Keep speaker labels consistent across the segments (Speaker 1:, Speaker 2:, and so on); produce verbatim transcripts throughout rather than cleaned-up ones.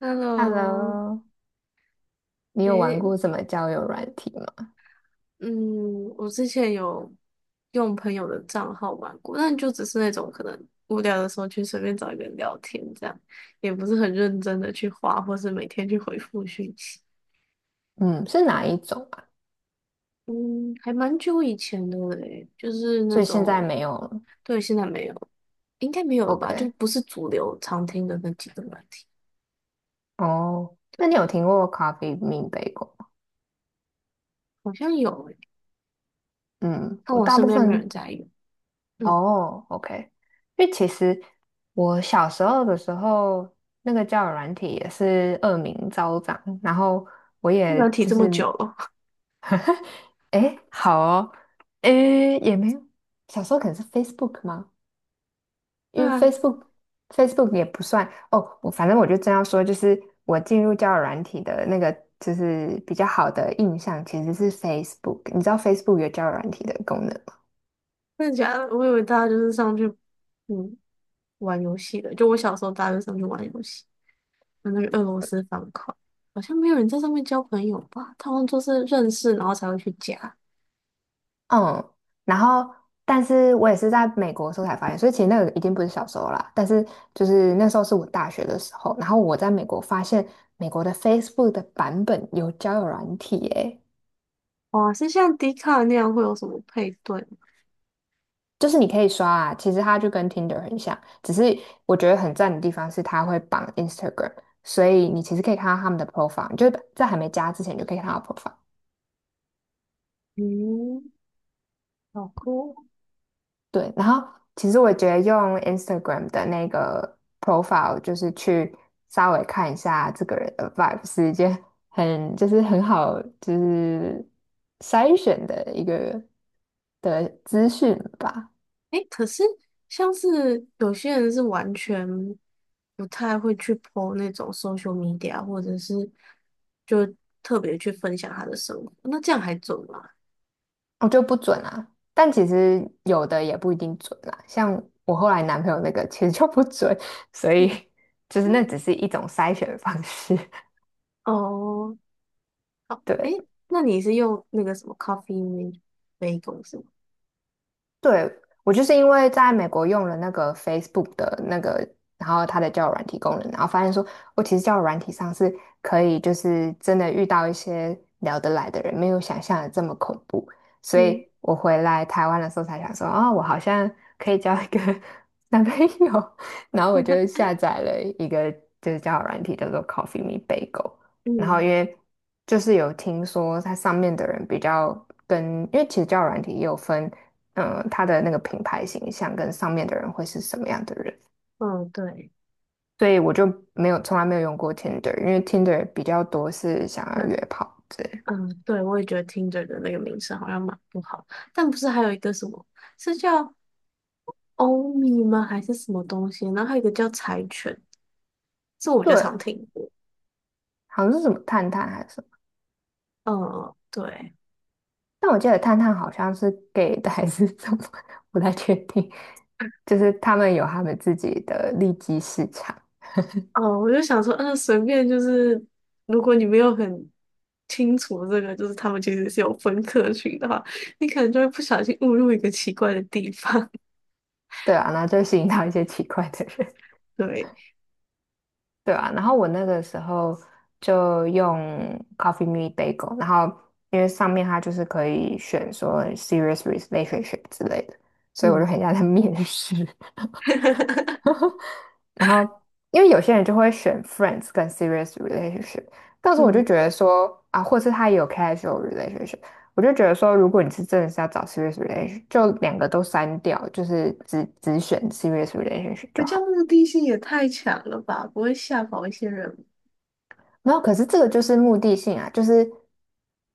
Speaker 1: Hello，
Speaker 2: Hello，你有玩
Speaker 1: 诶，
Speaker 2: 过什么交友软体吗？
Speaker 1: 嗯，我之前有用朋友的账号玩过，但就只是那种可能无聊的时候去随便找一个人聊天，这样也不是很认真的去划，或是每天去回复讯息。
Speaker 2: 嗯，是哪一种啊？
Speaker 1: 嗯，还蛮久以前的嘞，就是那
Speaker 2: 所以现在
Speaker 1: 种，
Speaker 2: 没有了。
Speaker 1: 对，现在没有，应该没有了吧？就
Speaker 2: OK，
Speaker 1: 不是主流常听的那几个软题，
Speaker 2: 哦，那你有听过 Coffee Bean b a g e 吗？
Speaker 1: 好像有诶，
Speaker 2: 嗯，
Speaker 1: 但
Speaker 2: 我
Speaker 1: 我
Speaker 2: 大
Speaker 1: 身
Speaker 2: 部
Speaker 1: 边没有人
Speaker 2: 分
Speaker 1: 在用。嗯，
Speaker 2: 哦，OK，因为其实我小时候的时候，那个交友软体也是恶名昭彰，然后我也
Speaker 1: 软提
Speaker 2: 就
Speaker 1: 这么
Speaker 2: 是，
Speaker 1: 久了，
Speaker 2: 诶，好哦，诶，也没有，小时候可能是 Facebook 吗？
Speaker 1: 对
Speaker 2: 因为
Speaker 1: 啊，
Speaker 2: Facebook Facebook 也不算哦，我反正我就正要说，就是我进入交友软体的那个，就是比较好的印象其实是 Facebook。你知道 Facebook 有交友软体的功能吗？
Speaker 1: 真的假的我以为大家就是上去，嗯。玩游戏的，就我小时候大都上去玩游戏，玩那个俄罗斯方块，好像没有人在上面交朋友吧？他们就是认识然后才会去加。
Speaker 2: 嗯，然后但是我也是在美国的时候才发现，所以其实那个已经不是小时候啦，但是就是那时候是我大学的时候，然后我在美国发现美国的 Facebook 的版本有交友软体耶、
Speaker 1: 哇，是像迪卡那样会有什么配对吗？
Speaker 2: 就是你可以刷啊，其实它就跟 Tinder 很像，只是我觉得很赞的地方是它会绑 Instagram，所以你其实可以看到他们的 profile，你就在还没加之前你就可以看到 profile。
Speaker 1: 嗯，好酷哦。
Speaker 2: 对，然后其实我觉得用 Instagram 的那个 profile，就是去稍微看一下这个人的 vibe，是一件很就是很好就是筛选的一个的资讯吧。
Speaker 1: 诶，可是像是有些人是完全不太会去 P O 那种 social media，或者是就特别去分享他的生活，那这样还准吗？
Speaker 2: 我就不准啊。但其实有的也不一定准啦，像我后来男朋友那个其实就不准，所以 就是那只是一种筛选方式。
Speaker 1: 哦，哦，
Speaker 2: 对，
Speaker 1: 诶，那你是用那个什么 Coffee Bagel 是吗？
Speaker 2: 对，我就是因为在美国用了那个 Facebook 的那个，然后它的交友软体功能，然后发现说，我其实交友软体上是可以，就是真的遇到一些聊得来的人，没有想象的这么恐怖。所
Speaker 1: 嗯
Speaker 2: 以我回来台湾的时候才想说，哦，我好像可以交一个 男朋友，然后我就 下载了一个就是交友软体，叫做 Coffee Me Bagel。然后因
Speaker 1: 嗯
Speaker 2: 为就是有听说它上面的人比较跟，因为其实交友软体也有分。嗯，他的那个品牌形象跟上面的人会是什么样的人，
Speaker 1: 嗯，对，
Speaker 2: 所以我就没有从来没有用过 Tinder，因为 Tinder 比较多是想要
Speaker 1: 还
Speaker 2: 约炮之类的。
Speaker 1: 嗯，对，我也觉得听着的那个名声好像蛮不好，但不是还有一个什么是叫欧米吗？还是什么东西？然后还有一个叫柴犬，这我就常
Speaker 2: 对，
Speaker 1: 听过。
Speaker 2: 好像是什么探探还是什么，
Speaker 1: 嗯，对，
Speaker 2: 但我记得探探好像是 gay 的还是什么，不太确定。就是他们有他们自己的利基市场，
Speaker 1: 哦，我就想说，嗯，随便就是，如果你没有很清楚这个，就是他们其实是有分科群的话，你可能就会不小心误入一个奇怪的地方。
Speaker 2: 对啊，那就吸引到一些奇怪的人。
Speaker 1: 对。
Speaker 2: 对啊，然后我那个时候就用 Coffee Me Bagel，然后因为上面它就是可以选说 serious relationship 之类的，所以我就
Speaker 1: 嗯
Speaker 2: 很像在面试。然后因为有些人就会选 friends 跟 serious relationship，但是我就
Speaker 1: 嗯，
Speaker 2: 觉得说啊，或是他也有 casual relationship，我就觉得说，如果你是真的是要找 serious relationship，就两个都删掉，就是只只选 serious relationship
Speaker 1: 可
Speaker 2: 就
Speaker 1: 这样
Speaker 2: 好。
Speaker 1: 目的性也太强了吧？不会吓跑一些人吗？
Speaker 2: 没有，可是这个就是目的性啊，就是。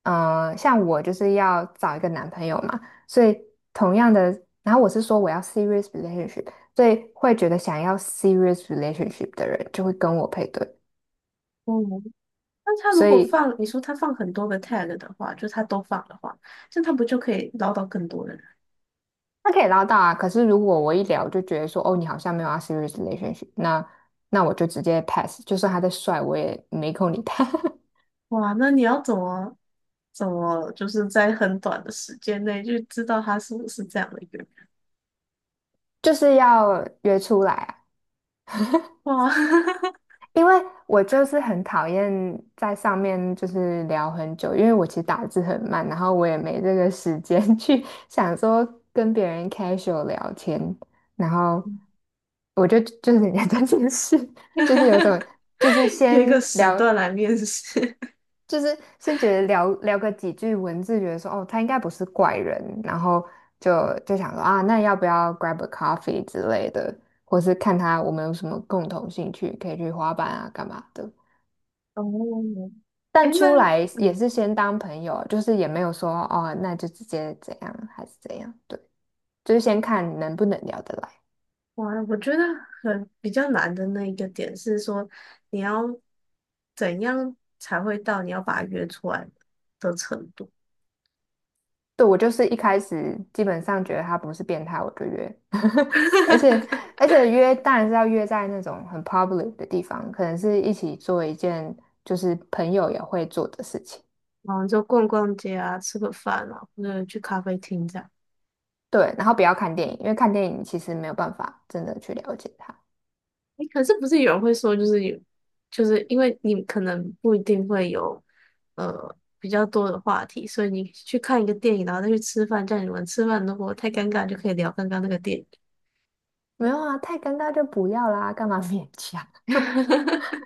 Speaker 2: 呃，像我就是要找一个男朋友嘛，所以同样的，然后我是说我要 serious relationship，所以会觉得想要 serious relationship 的人就会跟我配对，
Speaker 1: 嗯，那他
Speaker 2: 所
Speaker 1: 如果
Speaker 2: 以
Speaker 1: 放，你说他放很多个 tag 的话，就他都放的话，这样他不就可以捞到更多的人？
Speaker 2: 他可以捞到啊。可是如果我一聊就觉得说，哦，你好像没有要 serious relationship，那那我就直接 pass，就算他再帅，我也没空理他，
Speaker 1: 哇，那你要怎么怎么就是在很短的时间内就知道他是不是这样的一个人？
Speaker 2: 就是要约出来啊。
Speaker 1: 哇，
Speaker 2: 因为我就是很讨厌在上面就是聊很久，因为我其实打字很慢，然后我也没这个时间 去想说跟别人 casual 聊天，然后我就就是人家这件事，就是有 种就是
Speaker 1: 约一个
Speaker 2: 先
Speaker 1: 时
Speaker 2: 聊，
Speaker 1: 段来面试。
Speaker 2: 就是先觉得聊聊个几句文字，觉得说哦他应该不是怪人，然后就就想说啊，那要不要 grab a coffee 之类的，或是看他我们有什么共同兴趣，可以去滑板啊干嘛的。
Speaker 1: 哦，哎，
Speaker 2: 但出
Speaker 1: 那
Speaker 2: 来也
Speaker 1: 嗯。
Speaker 2: 是先当朋友，就是也没有说哦，那就直接怎样还是怎样，对，就是先看能不能聊得来。
Speaker 1: 哇，我觉得很比较难的那一个点是说，你要怎样才会到你要把他约出来的程度？
Speaker 2: 对，我就是一开始基本上觉得他不是变态，我就约，而且 而且约当然是要约在那种很 public 的地方，可能是一起做一件就是朋友也会做的事情，
Speaker 1: 然后就逛逛街啊，吃个饭啊，或者去咖啡厅这样。
Speaker 2: 对，然后不要看电影，因为看电影其实没有办法真的去了解他。
Speaker 1: 诶，可是不是有人会说，就是有，就是因为你可能不一定会有呃比较多的话题，所以你去看一个电影，然后再去吃饭，这样你们吃饭如果太尴尬，就可以聊刚刚那个电影。
Speaker 2: 没有啊，太尴尬就不要啦，干嘛勉强？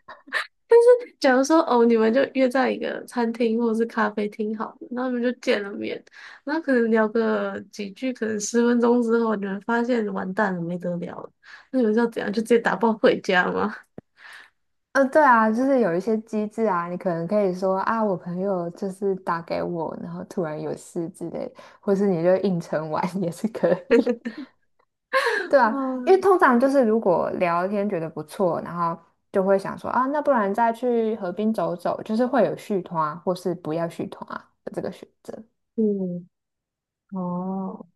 Speaker 1: 但是，假如说哦，你们就约在一个餐厅或者是咖啡厅好了，然后你们就见了面，那可能聊个几句，可能十分钟之后，你们发现完蛋了，没得聊了，那你们是要怎样？就直接打包回家吗？
Speaker 2: 呃，对啊，就是有一些机制啊，你可能可以说啊，我朋友就是打给我，然后突然有事之类的，或是你就硬承完 也是可以。对 啊，因为
Speaker 1: 嗯，
Speaker 2: 通常就是如果聊天觉得不错，然后就会想说啊，那不然再去河滨走走，就是会有续团啊或是不要续团啊的这个选择。
Speaker 1: 嗯，哦，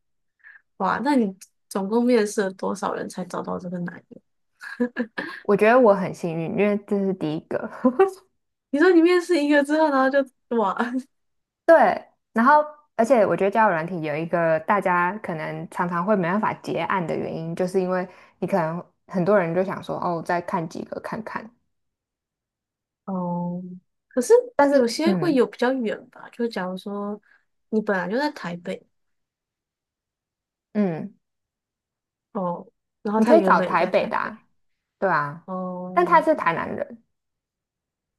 Speaker 1: 哇，那你总共面试了多少人才找到这个男友？
Speaker 2: 我觉得我很幸运，因为这是第一个。
Speaker 1: 你说你面试一个之后，然后就哇，
Speaker 2: 对，然后而且我觉得交友软体有一个大家可能常常会没办法结案的原因，就是因为你可能很多人就想说，哦，再看几个看看，
Speaker 1: 哦，可是
Speaker 2: 但
Speaker 1: 有
Speaker 2: 是
Speaker 1: 些会
Speaker 2: 嗯
Speaker 1: 有比较远吧，就假如说你本来就在台北，
Speaker 2: 嗯，
Speaker 1: 哦，然后
Speaker 2: 你
Speaker 1: 他
Speaker 2: 可以
Speaker 1: 原
Speaker 2: 找
Speaker 1: 本也
Speaker 2: 台
Speaker 1: 在
Speaker 2: 北
Speaker 1: 台
Speaker 2: 的
Speaker 1: 北，
Speaker 2: 啊，对啊，但他
Speaker 1: 哦，
Speaker 2: 是台南人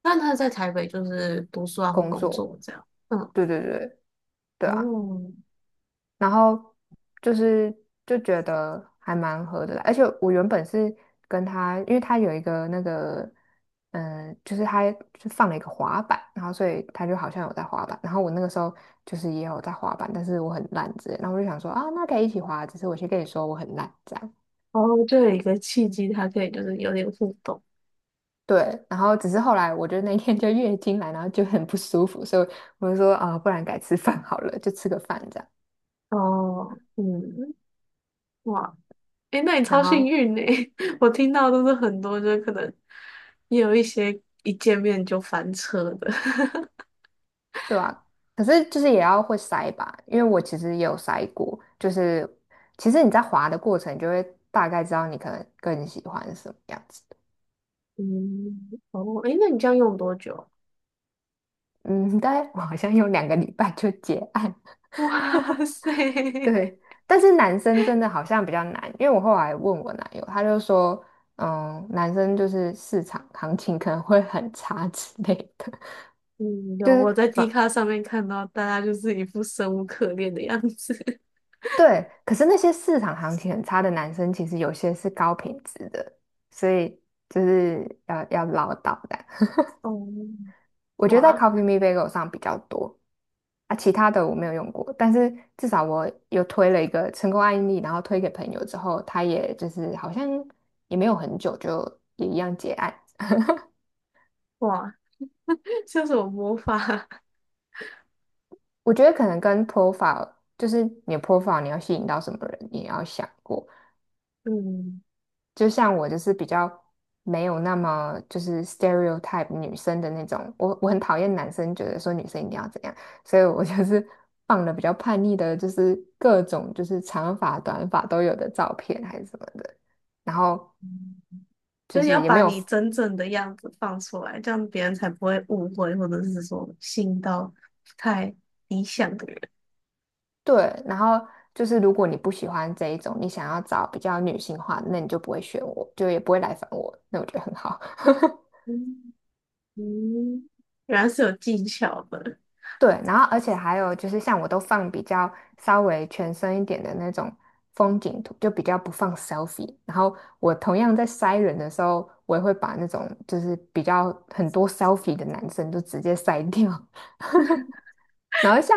Speaker 1: 那他在台北就是读书啊或
Speaker 2: 工
Speaker 1: 工
Speaker 2: 作，
Speaker 1: 作这样，嗯，
Speaker 2: 对对对对啊。
Speaker 1: 哦，
Speaker 2: 然后就是就觉得还蛮合的啦，而且我原本是跟他，因为他有一个那个，嗯，就是他就放了一个滑板，然后所以他就好像有在滑板，然后我那个时候就是也有在滑板，但是我很烂之类，然后我就想说啊，那可以一起滑，只是我先跟你说我很烂这样。
Speaker 1: 哦，就有一个契机，他可以就是有点互动，
Speaker 2: 对，然后只是后来我就那天就月经来，然后就很不舒服，所以我就说啊、不然改吃饭好了，就吃个饭这样。
Speaker 1: 哦，嗯，哇，诶，那你
Speaker 2: 然
Speaker 1: 超幸
Speaker 2: 后
Speaker 1: 运呢，我听到都是很多，就是可能也有一些一见面就翻车的，
Speaker 2: 对啊，可是就是也要会筛吧，因为我其实也有筛过，就是其实你在滑的过程，你就会大概知道你可能更喜欢什么样子的。
Speaker 1: 嗯，哦，诶，那你这样用多久？
Speaker 2: 嗯，大概我好像用两个礼拜就结案，
Speaker 1: 哇塞！
Speaker 2: 对。但是男生真的好像比较难，因为我后来问我男友，他就说，嗯，男生就是市场行情可能会很差之类的，
Speaker 1: 嗯，
Speaker 2: 就
Speaker 1: 有
Speaker 2: 是
Speaker 1: 我在 d
Speaker 2: 反
Speaker 1: 卡上面看到大家就是一副生无可恋的样子。
Speaker 2: 对，可是那些市场行情很差的男生，其实有些是高品质的，所以就是要要唠叨的。
Speaker 1: 哦，
Speaker 2: 我觉得在
Speaker 1: 哇
Speaker 2: c o p y e e Me b a g e 上比较多啊，其他的我没有用过，但是至少我有推了一个成功案例，然后推给朋友之后，他也就是好像也没有很久就也一样结案。
Speaker 1: 哇，像什么魔法？
Speaker 2: 我觉得可能跟 profile，就是你的 profile 你要吸引到什么人，你也要想过。
Speaker 1: 嗯，
Speaker 2: 就像我就是比较没有那么就是 stereotype 女生的那种，我我很讨厌男生觉得说女生一定要怎样，所以我就是放了比较叛逆的，就是各种就是长发短发都有的照片还是什么的，然后
Speaker 1: 就
Speaker 2: 就
Speaker 1: 是要
Speaker 2: 是也没
Speaker 1: 把
Speaker 2: 有
Speaker 1: 你真正的样子放出来，这样别人才不会误会，或者是说信到不太理想的人。
Speaker 2: 对，然后就是如果你不喜欢这一种，你想要找比较女性化的，那你就不会选我，就也不会来烦我，那我觉得很好。
Speaker 1: 嗯嗯，原来是有技巧的。
Speaker 2: 对，然后而且还有就是像我都放比较稍微全身一点的那种风景图，就比较不放 selfie。然后我同样在筛人的时候，我也会把那种就是比较很多 selfie 的男生就直接筛掉。然后像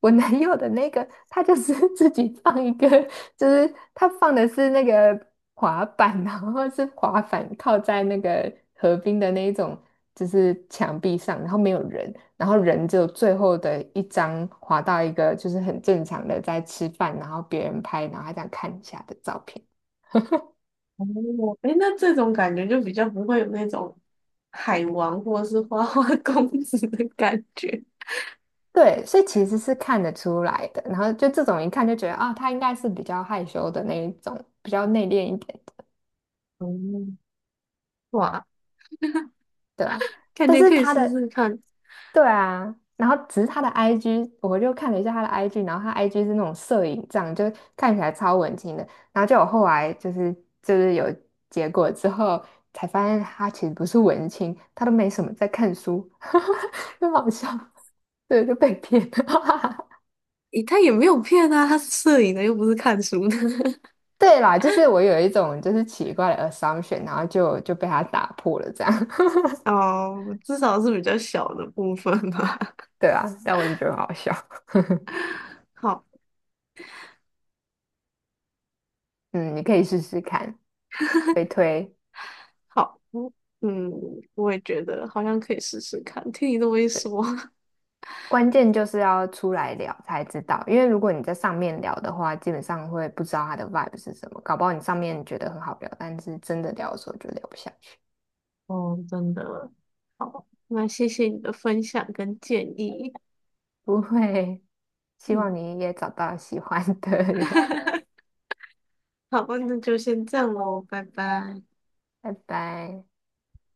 Speaker 2: 我男友的那个，他就是 自己放一个，就是他放的是那个滑板，然后是滑板靠在那个河滨的那一种，就是墙壁上，然后没有人，然后人只有最后的一张滑到一个就是很正常的在吃饭，然后别人拍，然后他这样看一下的照片。
Speaker 1: 哦，诶，那这种感觉就比较不会有那种海王或是花花 公子的感觉。
Speaker 2: 对，所以其实是看得出来的。然后就这种一看就觉得啊，他应该是比较害羞的那一种，比较内敛一点。
Speaker 1: 嗯，哇，
Speaker 2: 对啊，
Speaker 1: 感
Speaker 2: 但
Speaker 1: 觉
Speaker 2: 是
Speaker 1: 可以
Speaker 2: 他
Speaker 1: 试
Speaker 2: 的
Speaker 1: 试看。
Speaker 2: 对啊，然后只是他的 I G，我就看了一下他的 I G，然后他 I G 是那种摄影这样，就看起来超文青的。然后就我后来就是就是有结果之后，才发现他其实不是文青，他都没什么在看书，很好笑，对，就被骗了。
Speaker 1: 诶，他也没有骗啊，他是摄影的，又不是看书的。
Speaker 2: 对啦，就是我有一种就是奇怪的 assumption，然后就就被他打破了这样。
Speaker 1: 哦，至少是比较小的部分吧。
Speaker 2: 对啊，但我是觉得很好笑。
Speaker 1: 好，
Speaker 2: 嗯，你可以试试看，推推。
Speaker 1: 好，嗯，嗯我也觉得好像可以试试看。听你这么一说，
Speaker 2: 关键就是要出来聊才知道，因为如果你在上面聊的话，基本上会不知道他的 vibe 是什么，搞不好你上面觉得很好聊，但是真的聊的时候就聊不下去。
Speaker 1: 哦，真的，那谢谢你的分享跟建议。
Speaker 2: 不会，希望
Speaker 1: 嗯，
Speaker 2: 你也找到喜欢的人，
Speaker 1: 好，那就先这样喽，拜拜。
Speaker 2: 拜拜。